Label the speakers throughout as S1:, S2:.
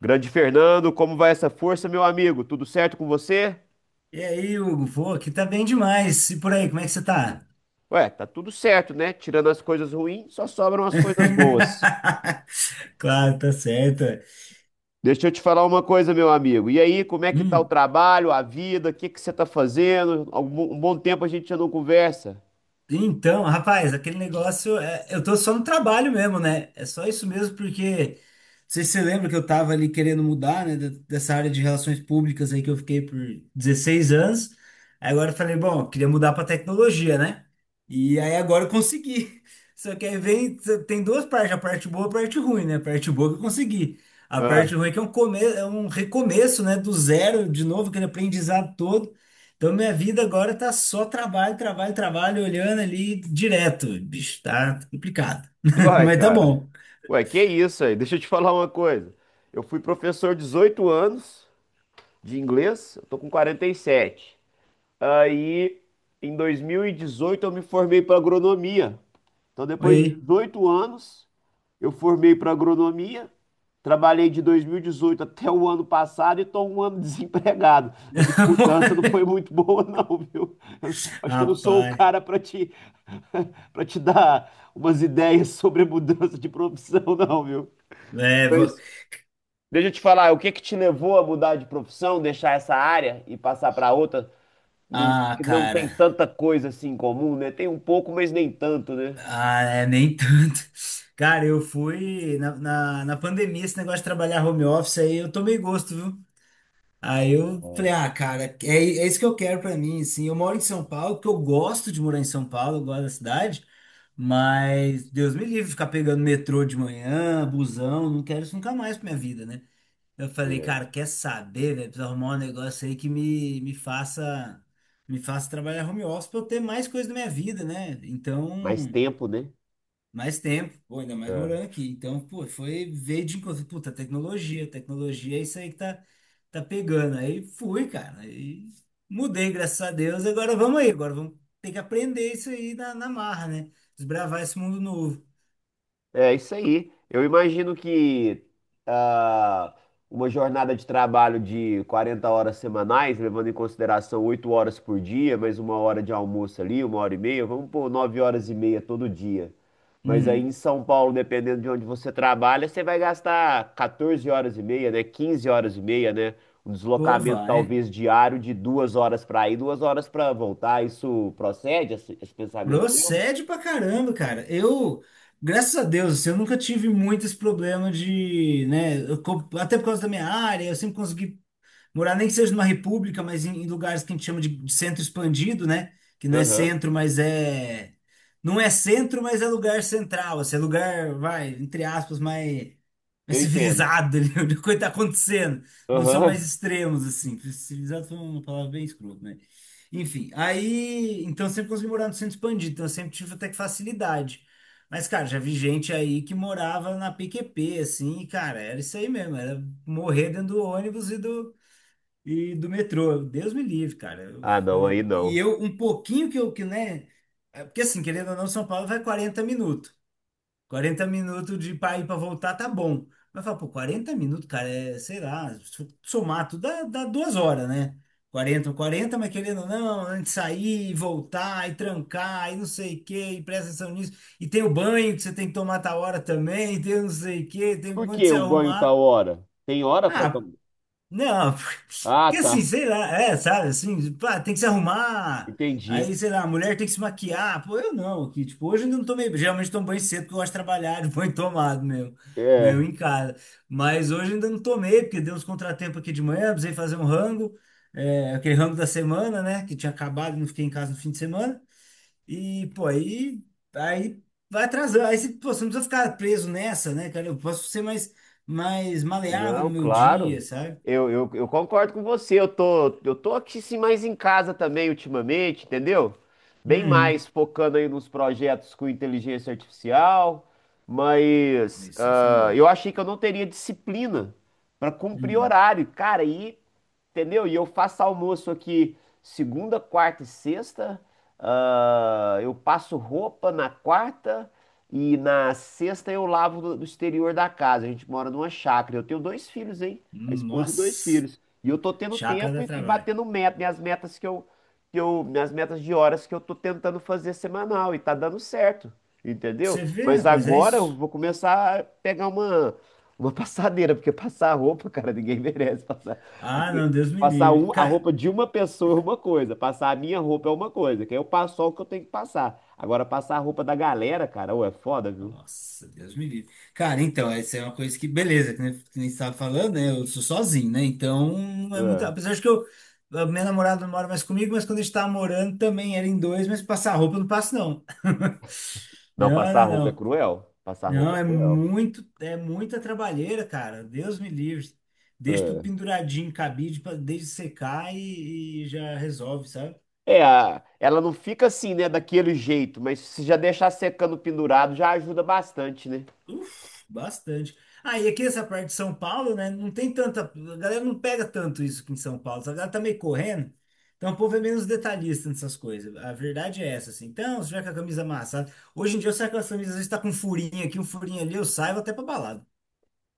S1: Grande Fernando, como vai essa força, meu amigo? Tudo certo com você?
S2: E aí, Hugo? Pô, aqui tá bem demais. E por aí, como é que você tá?
S1: Ué, tá tudo certo, né? Tirando as coisas ruins, só sobram as coisas boas.
S2: Claro, tá certo.
S1: Deixa eu te falar uma coisa, meu amigo. E aí, como é que tá o
S2: Hum,
S1: trabalho, a vida? O que que você tá fazendo? Um bom tempo a gente já não conversa.
S2: Então, rapaz, aquele negócio, eu tô só no trabalho mesmo, né? É só isso mesmo, porque não sei se você lembra que eu tava ali querendo mudar, né, dessa área de relações públicas aí que eu fiquei por 16 anos. Aí agora eu falei, bom, eu queria mudar pra tecnologia, né? E aí agora eu consegui. Só que aí vem, tem duas partes, a parte boa e a parte ruim, né? A parte boa que eu consegui. A
S1: Ah,
S2: parte ruim é que é um recomeço, né, do zero, de novo, aquele aprendizado todo. Então, minha vida agora tá só trabalho, trabalho, trabalho, olhando ali direto. Bicho, tá complicado.
S1: uai,
S2: Mas tá
S1: cara.
S2: bom.
S1: Ué, que isso aí? Deixa eu te falar uma coisa. Eu fui professor 18 anos de inglês, eu tô com 47. Aí, em 2018, eu me formei para agronomia. Então, depois de
S2: Oi.
S1: 18 anos, eu formei para agronomia, trabalhei de 2018 até o ano passado e estou um ano desempregado. A minha mudança não foi muito boa, não, viu? Eu acho que eu não sou o
S2: Rapaz.
S1: cara para te, para te dar umas ideias sobre a mudança de profissão, não, viu?
S2: É, vo-
S1: Deixa eu te falar, o que que te levou a mudar de profissão, deixar essa área e passar para outra,
S2: Ah,
S1: que não tem
S2: cara.
S1: tanta coisa assim em comum, né? Tem um pouco, mas nem tanto, né?
S2: Ah, é, nem tanto. Cara, eu fui na pandemia, esse negócio de trabalhar home office aí, eu tomei gosto, viu? Aí eu falei, ah, cara, é isso que eu quero pra mim, assim. Eu moro em São Paulo, porque eu gosto de morar em São Paulo, eu gosto da cidade, mas Deus me livre de ficar pegando metrô de manhã, busão, não quero isso nunca mais pra minha vida, né? Eu falei, cara,
S1: É,
S2: quer saber, velho? Preciso arrumar um negócio aí que me faça trabalhar home office pra eu ter mais coisa da minha vida, né?
S1: Mais
S2: Então,
S1: tempo, né?
S2: mais tempo, pô, ainda mais
S1: É,
S2: morando aqui. Então, pô, foi veio de encontro. Puta, tecnologia, tecnologia é isso aí que tá pegando. Aí fui, cara. Aí mudei, graças a Deus. Agora vamos aí, agora vamos ter que aprender isso aí na marra, né? Desbravar esse mundo novo.
S1: é isso aí. Eu imagino que ah, uma jornada de trabalho de 40 horas semanais, levando em consideração 8 horas por dia, mais uma hora de almoço ali, uma hora e meia, vamos por 9 horas e meia todo dia. Mas aí em
S2: Hum,
S1: São Paulo, dependendo de onde você trabalha, você vai gastar 14 horas e meia, né? 15 horas e meia, né? Um
S2: Pô,
S1: deslocamento
S2: vai.
S1: talvez diário de 2 horas para ir, 2 horas para voltar. Isso procede, esse pensamento meu?
S2: Procede pra caramba, cara. Eu, graças a Deus, assim, eu nunca tive muito esse problema de, né? Até por causa da minha área, eu sempre consegui morar nem que seja numa república, mas em lugares que a gente chama de centro expandido, né? Que não é
S1: Aham.
S2: centro, mas é. Não é centro, mas é lugar central, assim, é lugar, vai, entre aspas, mais
S1: Eu entendo.
S2: civilizado, ali, onde a coisa tá acontecendo. Não são
S1: Aham.
S2: mais extremos, assim. Civilizado foi uma palavra bem escrota, né? Enfim, aí. Então eu sempre consegui morar no centro expandido, então eu sempre tive até que facilidade. Mas, cara, já vi gente aí que morava na PQP, assim, e, cara, era isso aí mesmo, era morrer dentro do ônibus e do metrô, Deus me livre, cara. Eu
S1: Ah, não, aí
S2: falei- e
S1: não.
S2: eu, um pouquinho que eu, que, né? Porque assim, querendo ou não, São Paulo vai 40 minutos. 40 minutos de pra ir pra voltar tá bom. Mas fala, pô, 40 minutos, cara, é, sei lá, se eu somar tudo dá 2 horas, né? Quarenta mas querendo ou não, antes de sair, e voltar, e trancar, e não sei o quê, e presta atenção nisso. E tem o banho que você tem que tomar tal hora também, e tem não sei o quê, tem um
S1: Por
S2: monte de
S1: que
S2: se
S1: o banho tá
S2: arrumar.
S1: hora? Tem hora pra
S2: Ah,
S1: tomar?
S2: não.
S1: Ah,
S2: Porque assim,
S1: tá.
S2: sei lá, é, sabe, assim, pá, tem que se arrumar.
S1: Entendi.
S2: Aí, sei lá, a mulher tem que se maquiar. Pô, eu não, que tipo, hoje eu ainda não tomei, geralmente tomo banho cedo porque eu gosto de trabalhar de banho tomado meu
S1: É.
S2: em casa. Mas hoje eu ainda não tomei, porque deu uns contratempos aqui de manhã, precisei fazer um rango, aquele rango da semana, né, que tinha acabado, não fiquei em casa no fim de semana. E, pô, aí vai atrasando. Aí, você, pô, você não precisa ficar preso nessa, né, cara? Eu posso ser mais maleável no
S1: Não,
S2: meu dia,
S1: claro.
S2: sabe?
S1: Eu concordo com você. Eu tô aqui sim mais em casa também ultimamente, entendeu? Bem mais
S2: Uhum.
S1: focando aí nos projetos com inteligência artificial, mas
S2: Isso é um bom.
S1: eu achei que eu não teria disciplina para cumprir
S2: Uhum.
S1: horário, cara. E entendeu? E eu faço almoço aqui segunda, quarta e sexta. Ah, eu passo roupa na quarta. E na sexta eu lavo do exterior da casa. A gente mora numa chácara. Eu tenho dois filhos, hein? A esposa e dois
S2: Nossa,
S1: filhos. E eu tô tendo
S2: chácara
S1: tempo
S2: dá
S1: e
S2: trabalho.
S1: batendo meta, minhas metas minhas metas de horas que eu tô tentando fazer semanal e tá dando certo, entendeu?
S2: Você vê,
S1: Mas
S2: rapaz, é
S1: agora eu
S2: isso.
S1: vou começar a pegar uma passadeira, porque passar roupa, cara, ninguém merece passar.
S2: Ah,
S1: Assim,
S2: não, Deus me
S1: passar
S2: livre.
S1: a
S2: Cara,
S1: roupa de uma pessoa é uma coisa, passar a minha roupa é uma coisa, que aí eu passo só o que eu tenho que passar. Agora, passar a roupa da galera, cara, ou é foda, viu?
S2: nossa, Deus me livre. Cara, então, essa é uma coisa que, beleza, que nem você estava falando, né? Eu sou sozinho, né? Então, não é muito.
S1: É.
S2: Apesar de que a minha namorada não mora mais comigo, mas quando a gente estava morando também era em dois, mas passar roupa eu não passo, não.
S1: Não,
S2: Não,
S1: passar a roupa é
S2: não,
S1: cruel. Passar a roupa
S2: não,
S1: é cruel.
S2: é muita trabalheira, cara. Deus me livre. Deixa tudo
S1: É,
S2: penduradinho em cabide para desde secar e já resolve, sabe?
S1: é, ela não fica assim, né, daquele jeito, mas se já deixar secando pendurado já ajuda bastante, né?
S2: Uf, bastante. Ah, e aqui essa parte de São Paulo, né? Não tem tanta. A galera não pega tanto isso aqui em São Paulo. A galera tá meio correndo. Então o povo é menos detalhista nessas coisas. A verdade é essa, assim. Então, se tiver com a camisa amassada. Hoje em dia eu saio com as camisas, às vezes tá com um furinho aqui, um furinho ali, eu saio vou até pra balada.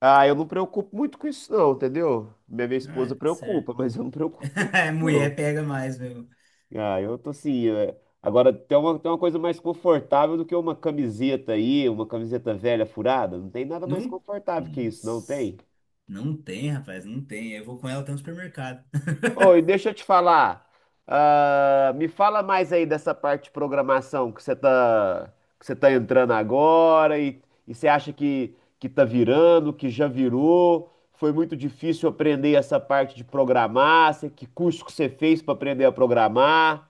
S1: Ah, eu não preocupo muito com isso, não, entendeu? Minha
S2: Ah,
S1: esposa
S2: é certo.
S1: preocupa, mas eu não preocupo muito com
S2: É,
S1: isso,
S2: mulher
S1: não.
S2: pega mais, meu.
S1: Ah, eu tô assim. Agora, tem uma coisa mais confortável do que uma camiseta aí, uma camiseta velha furada. Não tem nada mais
S2: Não?
S1: confortável que isso, não
S2: Nossa,
S1: tem?
S2: não tem, rapaz, não tem. Eu vou com ela até no supermercado.
S1: Oi, deixa eu te falar. Me fala mais aí dessa parte de programação que que você tá entrando agora e você acha que tá virando, que já virou. Foi muito difícil aprender essa parte de programar. Que curso que você fez para aprender a programar?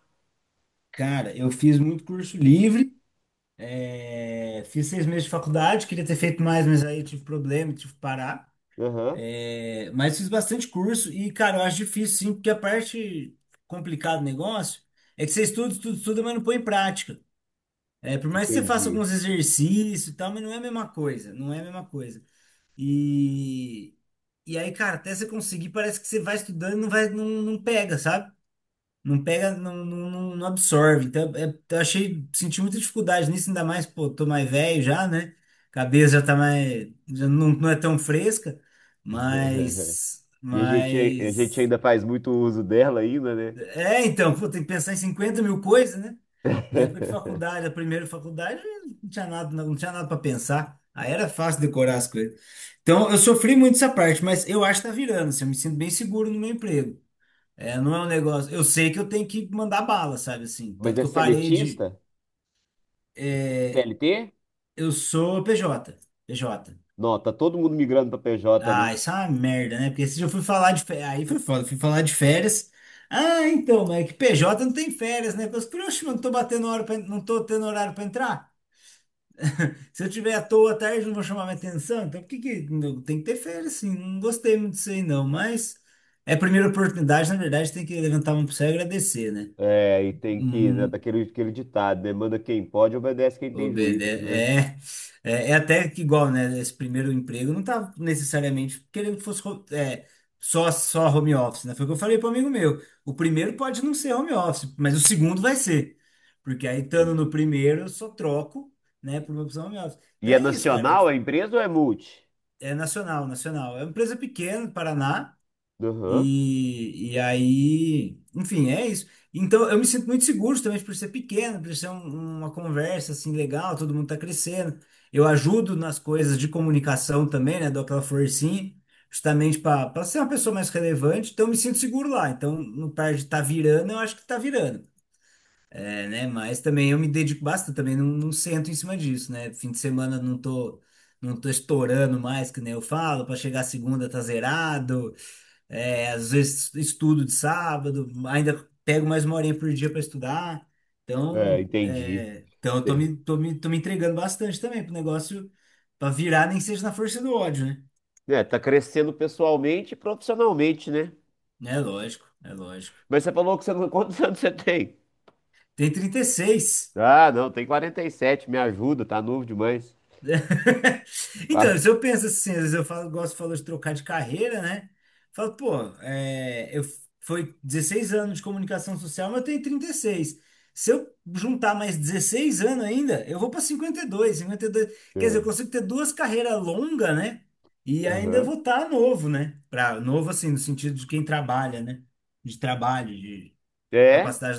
S2: Cara, eu fiz muito curso livre, fiz 6 meses de faculdade, queria ter feito mais, mas aí tive problema, tive que parar.
S1: Aham,
S2: É, mas fiz bastante curso e, cara, eu acho difícil sim, porque a parte complicada do negócio é que você estuda, estuda, estuda, mas não põe em prática. É, por mais que você faça
S1: entendi.
S2: alguns exercícios e tal, mas não é a mesma coisa, não é a mesma coisa. E, e aí, cara, até você conseguir, parece que você vai estudando e não vai, não, não pega, sabe? Não pega, não, não, não não absorve. Então, eu achei, senti muita dificuldade nisso, ainda mais, pô, tô mais velho já, né? Cabeça já tá mais, já não, não é tão fresca, mas,
S1: E a gente
S2: mas
S1: ainda faz muito uso dela ainda, né?
S2: então, pô, tem que pensar em 50 mil coisas, né? Na época de faculdade, a primeira faculdade, não tinha nada, não tinha nada para pensar. Aí era fácil decorar as coisas. Então, eu sofri muito essa parte, mas eu acho que tá virando, assim, eu me sinto bem seguro no meu emprego. É, não é um negócio. Eu sei que eu tenho que mandar bala, sabe assim?
S1: Mas
S2: Tanto
S1: é
S2: que eu parei de.
S1: seletista?
S2: é,
S1: CLT?
S2: eu sou PJ, PJ.
S1: Não, tá todo mundo migrando para PJ, né?
S2: Ah, isso é uma merda, né? Porque se eu fui falar de férias, aí foi foda, fui falar de férias. Ah, então, mas é que PJ não tem férias, né? Eu falei, oxe, mas não tô batendo hora pra, não tô tendo horário pra entrar. Se eu tiver à toa à tarde, não vou chamar minha atenção. Então, por que que tem que ter férias, sim? Não gostei muito disso aí, não. Mas é a primeira oportunidade, na verdade, tem que levantar a mão pro céu e agradecer, né?
S1: É, e tem que, né,
S2: Hum,
S1: daquele, aquele ditado, né? Manda quem pode, obedece quem tem
S2: Obede
S1: juízo, né?
S2: É até que igual, né? Esse primeiro emprego não tava necessariamente querendo que fosse só home office, né? Foi o que eu falei para um amigo meu. O primeiro pode não ser home office, mas o segundo vai ser. Porque aí, estando
S1: Entendi.
S2: no primeiro, eu só troco, né, por uma opção home office.
S1: E
S2: Então
S1: é
S2: é isso, cara.
S1: nacional a empresa ou é multi?
S2: É nacional, nacional. É uma empresa pequena, Paraná.
S1: Aham.
S2: E aí, enfim, é isso. Então, eu me sinto muito seguro também por ser pequeno, por ser uma conversa assim legal, todo mundo tá crescendo. Eu ajudo nas coisas de comunicação também, né? Dou aquela forcinha, justamente para ser uma pessoa mais relevante. Então, eu me sinto seguro lá. Então, no par de tá virando, eu acho que tá virando. É, né? Mas também eu me dedico bastante, também não sento em cima disso, né? Fim de semana eu não tô estourando mais, que nem eu falo, para chegar segunda tá zerado. É, às vezes estudo de sábado, ainda pego mais uma horinha por dia para estudar.
S1: É,
S2: Então,
S1: entendi.
S2: então eu tô
S1: É,
S2: me, tô me, tô me entregando bastante também pro negócio para virar, nem que seja na força do ódio, né?
S1: é, tá crescendo pessoalmente e profissionalmente, né?
S2: É lógico, é lógico.
S1: Mas você falou que você não... Quantos anos você tem?
S2: Tem 36.
S1: Ah, não, tem 47, me ajuda, tá novo demais.
S2: Então,
S1: Ah,
S2: se eu penso assim, às vezes eu falo de trocar de carreira, né? Falo, pô, foi 16 anos de comunicação social, mas eu tenho 36. Se eu juntar mais 16 anos ainda, eu vou para 52, dois quer dizer, eu
S1: é.
S2: consigo ter duas carreiras longas, né? E ainda
S1: Aham.
S2: vou estar novo, né? Novo, assim, no sentido de quem trabalha, né? De trabalho, de
S1: É?
S2: capacidade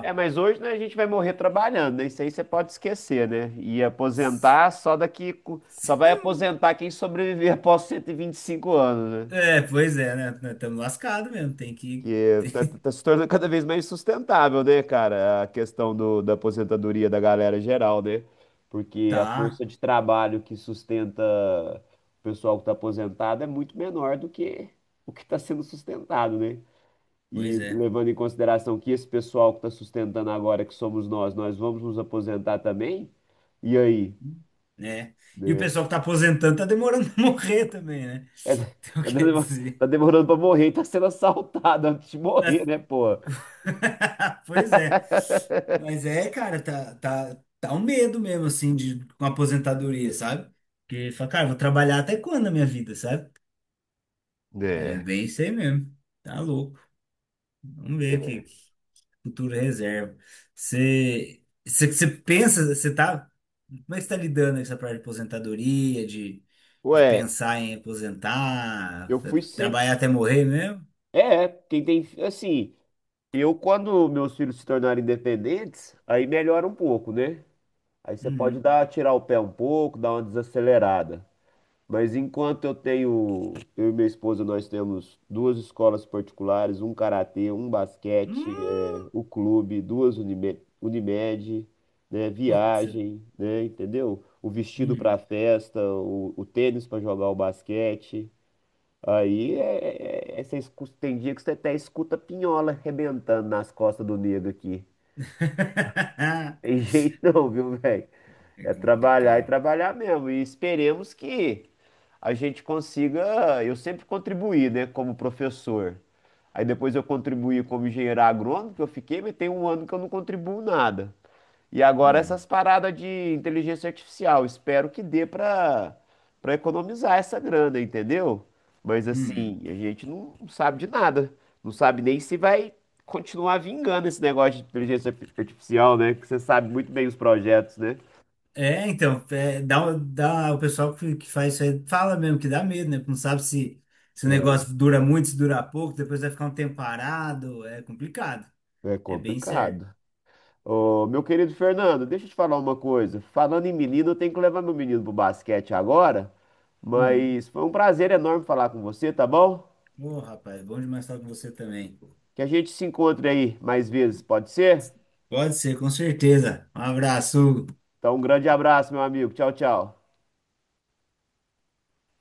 S1: É, mas hoje, né, a gente vai morrer trabalhando, né? Isso aí você pode esquecer, né? E
S2: Nossa.
S1: aposentar só daqui. Só vai aposentar quem sobreviver após cento e vinte e cinco anos, né?
S2: É, pois é, né? Estamos lascados mesmo, tem que.
S1: Que tá, tá se tornando cada vez mais sustentável, né, cara? A questão da aposentadoria da galera geral, né? Porque a
S2: Tá,
S1: força de trabalho que sustenta o pessoal que tá aposentado é muito menor do que o que está sendo sustentado, né? E
S2: pois é.
S1: levando em consideração que esse pessoal que está sustentando agora, que somos nós, nós vamos nos aposentar também? E aí?
S2: Né? E o
S1: Né?
S2: pessoal que tá aposentando tá demorando a morrer também, né?
S1: É,
S2: Então quer dizer.
S1: tá demorando para morrer e tá sendo assaltado antes de morrer, né, pô?
S2: Pois é. Mas é, cara, tá um medo mesmo, assim, de com a aposentadoria, sabe? Porque fala, cara, vou trabalhar até quando na minha vida, sabe? É
S1: É.
S2: bem isso aí mesmo. Tá louco. Vamos ver o que, futuro reserva. Você pensa, como é que você tá lidando com essa parte de aposentadoria, de
S1: Ué,
S2: pensar em aposentar,
S1: eu fui sempre.
S2: trabalhar até morrer mesmo?
S1: É, quem tem. Assim, eu, quando meus filhos se tornarem independentes, aí melhora um pouco, né? Aí você pode
S2: Uhum.
S1: tirar o pé um pouco, dar uma desacelerada. Mas enquanto eu tenho, eu e minha esposa, nós temos duas escolas particulares, um karatê, um basquete, é,
S2: Hum,
S1: o clube, duas Unimed, né,
S2: Putz.
S1: viagem, né, entendeu? O vestido para
S2: Uhum.
S1: festa, o tênis para jogar o basquete. Aí é, tem dia que você até escuta pinhola arrebentando nas costas do negro aqui. Tem jeito não, viu, velho?
S2: É
S1: É trabalhar e
S2: complicado.
S1: trabalhar mesmo. E esperemos que a gente consiga. Eu sempre contribuí, né, como professor. Aí depois eu contribuí como engenheiro agrônomo, que eu fiquei, mas tem um ano que eu não contribuo nada. E agora
S2: Uhum.
S1: essas paradas de inteligência artificial. Espero que dê para economizar essa grana, entendeu? Mas
S2: Uhum.
S1: assim, a gente não sabe de nada. Não sabe nem se vai continuar vingando esse negócio de inteligência artificial, né? Que você sabe muito bem os projetos, né?
S2: É, então, o pessoal que faz isso aí fala mesmo que dá medo, né? Porque não sabe se o negócio dura muito, se dura pouco, depois vai ficar um tempo parado, é complicado.
S1: É
S2: É bem certo.
S1: complicado. Ô, meu querido Fernando, deixa eu te falar uma coisa. Falando em menino, eu tenho que levar meu menino pro basquete agora,
S2: Uhum.
S1: mas foi um prazer enorme falar com você, tá bom?
S2: Ô, rapaz, bom demais falar com você também.
S1: Que a gente se encontre aí mais vezes, pode ser?
S2: Pode ser, com certeza. Um abraço, Hugo.
S1: Então, um grande abraço, meu amigo. Tchau, tchau.